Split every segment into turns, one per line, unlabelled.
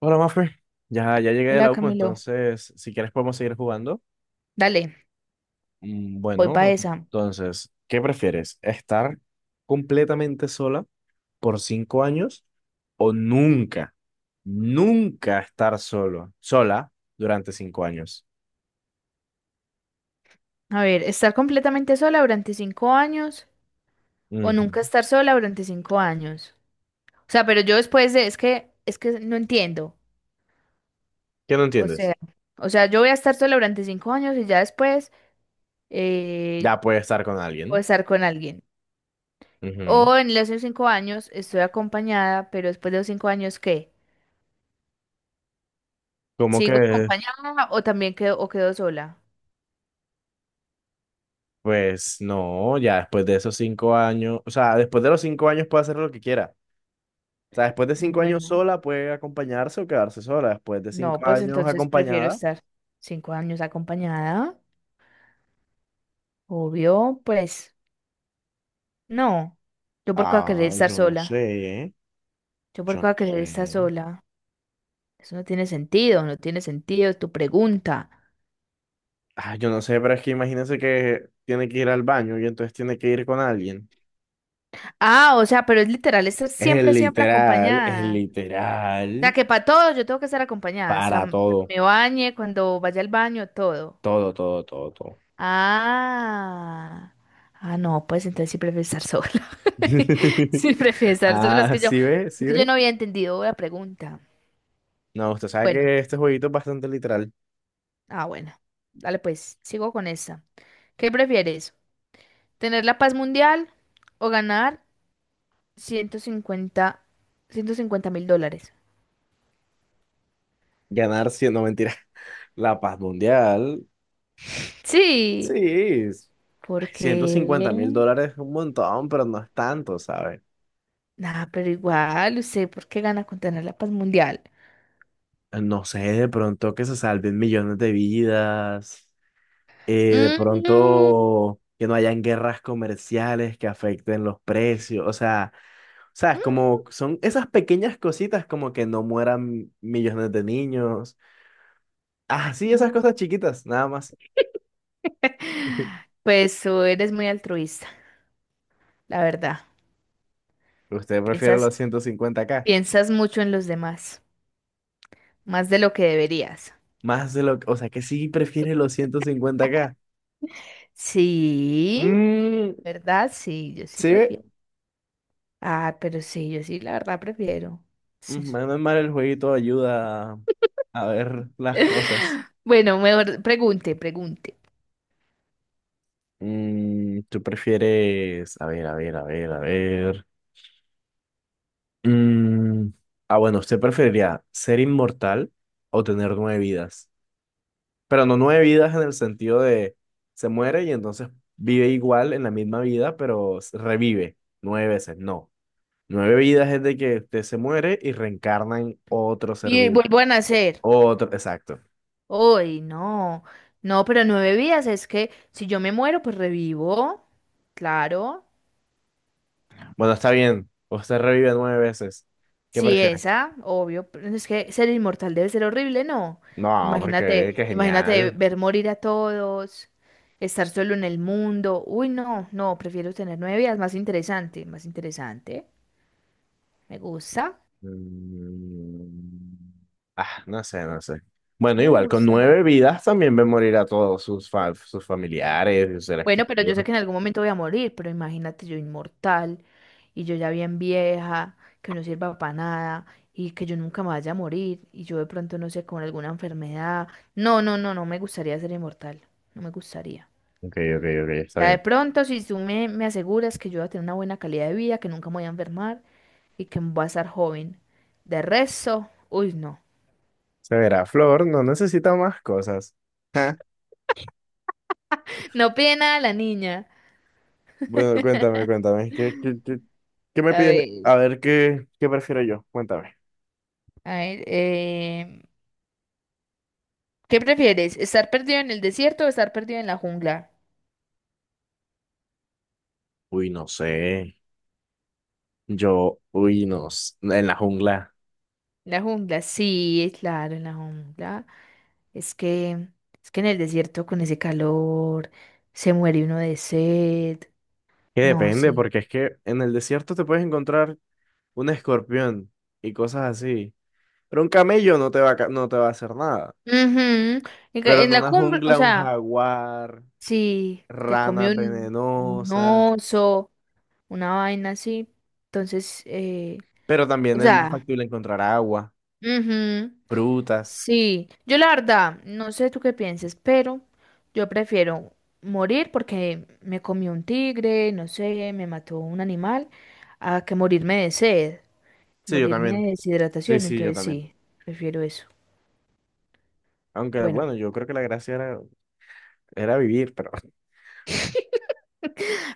Hola, Mafe. Ya llegué de
Hola
la U,
Camilo,
entonces, si quieres podemos seguir jugando.
dale, voy para
Bueno,
esa.
entonces, ¿qué prefieres? ¿Estar completamente sola por 5 años o nunca, nunca estar solo, sola durante 5 años?
A ver, ¿estar completamente sola durante 5 años o nunca
Ujú.
estar sola durante 5 años? O sea, pero yo después de, es que no entiendo.
¿Qué no
O
entiendes?
sea, o sea, yo voy a estar sola durante 5 años y ya después eh,
Ya puedes estar con
voy
alguien.
estar con alguien.
Ujú.
O en los 5 años estoy acompañada, pero después de los 5 años, ¿qué?
¿Cómo
¿Sigo
que?
acompañada o también quedo, o quedo sola?
Pues no, ya después de esos 5 años, o sea, después de los 5 años puede hacer lo que quiera. O sea, después de
Ah,
5 años
bueno,
sola puede acompañarse o quedarse sola. Después de
no,
cinco
pues
años
entonces prefiero
acompañada.
estar 5 años acompañada. Obvio, pues, no. Yo por qué voy a querer
Ah,
estar
yo no
sola.
sé, ¿eh?
Yo por
Yo
qué voy a
no
querer estar
sé.
sola. Eso no tiene sentido, no tiene sentido tu pregunta.
Ah, yo no sé, pero es que imagínense que tiene que ir al baño y entonces tiene que ir con alguien.
Ah, o sea, pero es literal, estar
Es
siempre, siempre
literal, es
acompañada. O sea,
literal.
que para todo yo tengo que estar acompañada. Hasta
Para
cuando
todo,
me bañe, cuando vaya al baño, todo.
todo, todo, todo, todo.
Ah. Ah, no, pues entonces sí prefiero estar sola. Sí prefiero estar sola. Es
Ah,
que yo,
¿sí ve?
es
¿Sí
que yo
ve?
no había entendido la pregunta.
No, usted sabe
Bueno.
que este jueguito es bastante literal.
Ah, bueno. Dale, pues, sigo con esta. ¿Qué prefieres? ¿Tener la paz mundial o ganar $150,000?
Ganar 100, no mentira. La paz mundial. Sí,
Sí,
es- ay,
porque...
150 mil dólares es un montón, pero no es tanto, ¿sabes?
Nah, pero igual, usted, ¿por qué gana con tener la paz mundial?
No sé, de pronto que se salven millones de vidas, de
Mm,
pronto que no hayan guerras comerciales que afecten los precios, o sea, es como son esas pequeñas cositas como que no mueran millones de niños, ah, sí, esas
mm.
cosas chiquitas, nada más.
Pues tú eres muy altruista, la verdad.
Usted prefiere los
Piensas,
150K.
piensas mucho en los demás, más de lo que deberías.
O sea, que sí prefiere los 150K.
Sí,
Mm,
¿verdad? Sí, yo sí
sí.
prefiero. Ah, pero sí, yo sí, la verdad prefiero. Sí.
Menos mal el jueguito ayuda a ver las cosas.
Bueno, mejor pregunte, pregunte.
Mm, ¿tú prefieres? A ver, a ver, a ver, a ver. Mm, ah, bueno, ¿usted preferiría ser inmortal o tener nueve vidas? Pero no nueve vidas en el sentido de se muere y entonces vive igual en la misma vida, pero revive nueve veces. No. Nueve vidas es de que usted se muere y reencarna en otro ser
Y
vivo.
vuelvo a nacer.
Otro, exacto.
Uy, no. No, pero nueve vidas es que si yo me muero, pues revivo. Claro.
Bueno, está bien. Usted revive nueve veces. ¿Qué
Sí,
prefiere?
esa, obvio, pero es que ser inmortal debe ser horrible, ¿no?
No, porque
Imagínate,
qué
imagínate
genial.
ver morir a todos, estar solo en el mundo. Uy, no, no, prefiero tener nueve vidas, más interesante, más interesante. Me gusta.
Mm, Ah, no sé, no sé.
A
Bueno,
mí me
igual, con
gusta más.
nueve vidas también ve morir a todos sus familiares y sus seres
Bueno, pero yo sé
queridos.
que en algún momento voy a morir, pero imagínate yo inmortal y yo ya bien vieja, que no sirva para nada y que yo nunca me vaya a morir y yo de pronto no sé, con alguna enfermedad. No, no, no, no me gustaría ser inmortal, no me gustaría.
Ok, ok, ok,
O
está
sea, de
bien.
pronto si tú me aseguras que yo voy a tener una buena calidad de vida, que nunca me voy a enfermar y que voy a estar joven. De resto, uy, no.
Se verá, Flor, no necesita más cosas. Ja.
No pide nada la niña.
Bueno, cuéntame, cuéntame. ¿Qué me
A
pides?
ver,
A ver, ¿qué prefiero yo? Cuéntame.
a ver, ¿qué prefieres? ¿Estar perdido en el desierto o estar perdido en la jungla?
Uy, no sé. Yo, uy, no. En la jungla.
La jungla, sí, claro, en la jungla. Es que, es que en el desierto con ese calor se muere uno de sed.
Que
No,
depende,
sí.
porque es que en el desierto te puedes encontrar un escorpión y cosas así. Pero un camello no te va no te va a hacer nada.
Ujú. En
Pero
en
en
la
una
cumbre, o
jungla, un
sea,
jaguar,
si te comió
ranas
un
venenosas.
oso, una vaina así, entonces,
Pero
o
también es más
sea,
factible encontrar agua,
ujú.
frutas.
Sí, yo la verdad, no sé tú qué pienses, pero yo prefiero morir porque me comió un tigre, no sé, me mató un animal, a que morirme de sed,
Sí, yo
morirme
también.
de
Sí,
deshidratación,
sí, yo
entonces
también.
sí, prefiero eso.
Aunque
Bueno,
bueno, yo creo que la gracia era vivir, pero.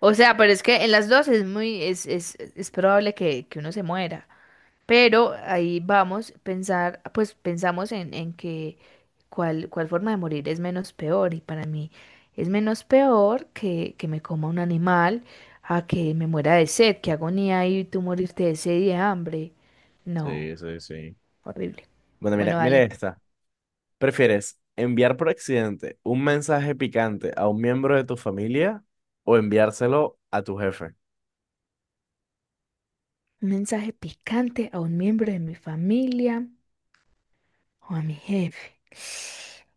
o sea, pero es que en las dos es muy, es probable que uno se muera, pero ahí vamos, pensar, pues pensamos en que cuál forma de morir es menos peor. Y para mí es menos peor que me coma un animal a que me muera de sed, qué agonía y tú morirte de sed y de hambre. No,
Sí, sí, sí.
horrible.
Bueno, mira,
Bueno,
mira
dale.
esta. ¿Prefieres enviar por accidente un mensaje picante a un miembro de tu familia o enviárselo a tu jefe?
Un mensaje picante a un miembro de mi familia o a mi jefe.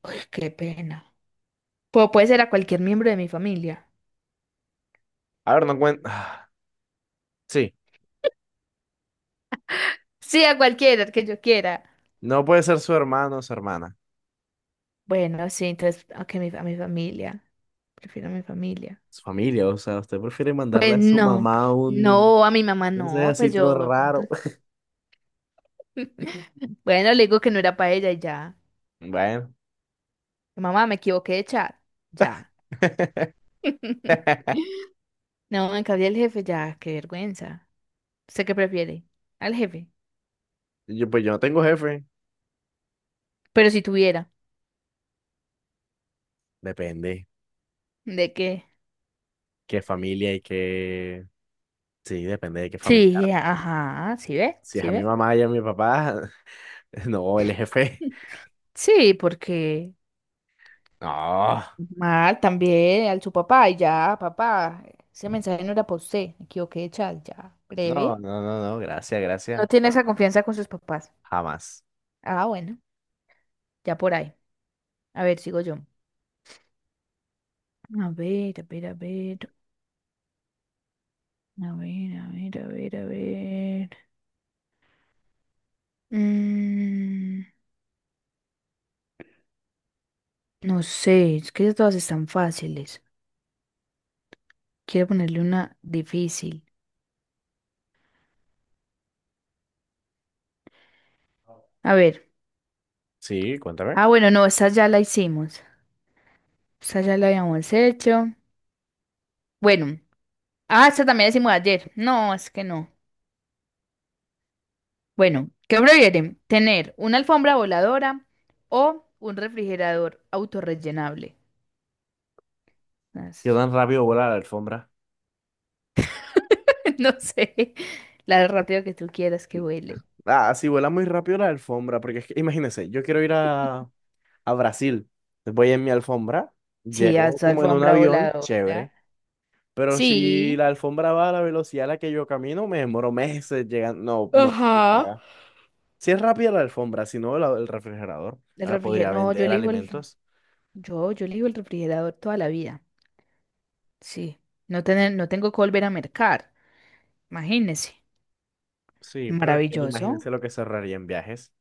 Uy, qué pena. Puede ser a cualquier miembro de mi familia.
A ver, no cuenta. Sí.
Sí, a cualquiera que yo quiera.
No puede ser su hermano o su hermana,
Bueno, sí, entonces, ok, a mi familia. Prefiero a mi familia.
su familia, o sea, usted prefiere mandarle
Pues
a su
no,
mamá un,
no, a mi mamá
no sé,
no,
así
pues
todo
yo de pronto.
raro.
Bueno, le digo que no era para ella y ya.
Bueno.
Mamá, me equivoqué de chat. Ya. No, en cambio el jefe, ya, qué vergüenza. ¿Usted qué prefiere? Al jefe.
Yo, pues yo no tengo jefe,
Pero si tuviera,
depende
¿de qué?
qué familia y qué, sí, depende de qué familiar.
Sí, ajá, ¿sí ve?
Si es
¿Sí
a mi
ve?
mamá y a mi papá, no, el jefe,
Sí, porque
no,
mal también al su papá y ya, papá, ese mensaje no era para usted, me equivoqué de chat, ya,
no,
breve.
no, no, no, gracias,
No
gracias,
tiene
pero
esa
no,
confianza con sus papás.
jamás.
Ah, bueno, ya por ahí. A ver, sigo yo. A ver, a ver, a ver. A ver, a ver, a ver, a ver. Mm, no sé, es que todas están fáciles. Quiero ponerle una difícil. A ver.
Sí, cuéntame.
Ah, bueno, no, esta ya la hicimos. Esta ya la habíamos hecho. Bueno. Ah, esta también la hicimos ayer. No, es que no. Bueno, ¿qué prefieren? ¿Tener una alfombra voladora o un refrigerador autorrellenable?
Yo
As-
tan rápido vuela la alfombra.
No sé, la rápido que tú quieras
Mm,
que huele.
Ah, sí, vuela muy rápido la alfombra, porque es que, imagínense, yo quiero ir a Brasil. Voy en mi alfombra,
Sí, a
llego
tu
como en un
alfombra
avión, chévere.
voladora.
Pero si
Sí.
la alfombra va a la velocidad a la que yo camino, me demoro meses llegando. No, no, no
Ajá.
paga. Si es rápida la alfombra, si no, el refrigerador.
El
Ahora
refrigerador.
podría
No, yo
vender
elijo el.
alimentos.
Yo elijo el refrigerador toda la vida. Sí. No tengo que volver a mercar. Imagínese.
Sí, pero es que
Maravilloso.
imagínense lo que se ahorraría en viajes.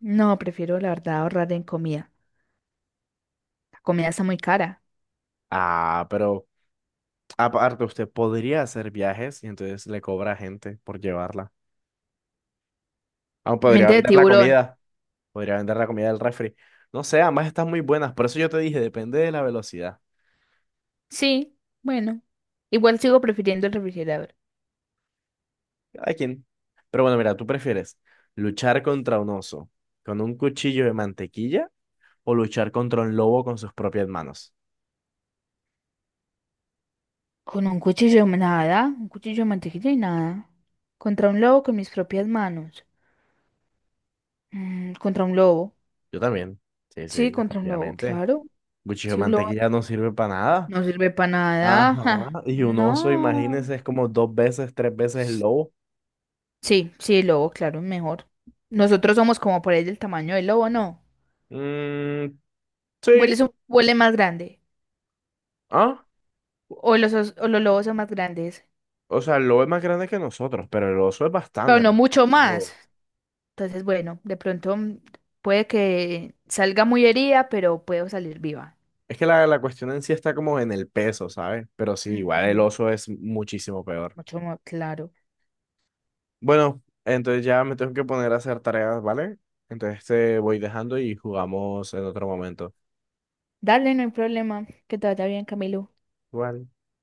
No, prefiero la verdad ahorrar en comida. La comida está muy cara.
Ah, pero aparte usted podría hacer viajes y entonces le cobra a gente por llevarla. Aún podría
Mente de
vender la
tiburón.
comida. Podría vender la comida del refri. No sé, ambas están muy buenas. Por eso yo te dije, depende de la velocidad.
Sí, bueno. Igual sigo prefiriendo el refrigerador.
Cada quien. Pero bueno, mira, ¿tú prefieres luchar contra un oso con un cuchillo de mantequilla o luchar contra un lobo con sus propias manos?
Con un cuchillo, nada, un cuchillo de mantequilla y nada. Contra un lobo con mis propias manos. Contra un lobo.
Yo también. Sí, sí,
Sí, contra un lobo,
efectivamente.
claro.
Cuchillo de
Sí, un lobo
mantequilla no sirve para nada.
no sirve para
Ajá.
nada. Ja,
Y un oso,
No.
imagínense, es como dos veces, tres veces el lobo.
Sí, sí, el lobo, claro, mejor. Nosotros somos como por ahí del tamaño del lobo, ¿no?
Mm, sí.
Huele más grande.
Ah,
O los lobos son más grandes.
o sea, el lobo es más grande que nosotros, pero el oso es
Pero
bastante más
no
grande
mucho
que el
más.
lobo.
Entonces, bueno, de pronto puede que salga muy herida, pero puedo salir viva.
Es que la cuestión en sí está como en el peso, ¿sabes? Pero sí, igual el
Ujú.
oso es muchísimo peor.
Mucho más claro.
Bueno, entonces ya me tengo que poner a hacer tareas, ¿vale? Entonces te voy dejando y jugamos en otro momento.
Dale, no hay problema. Que te vaya bien, Camilo.
Igual.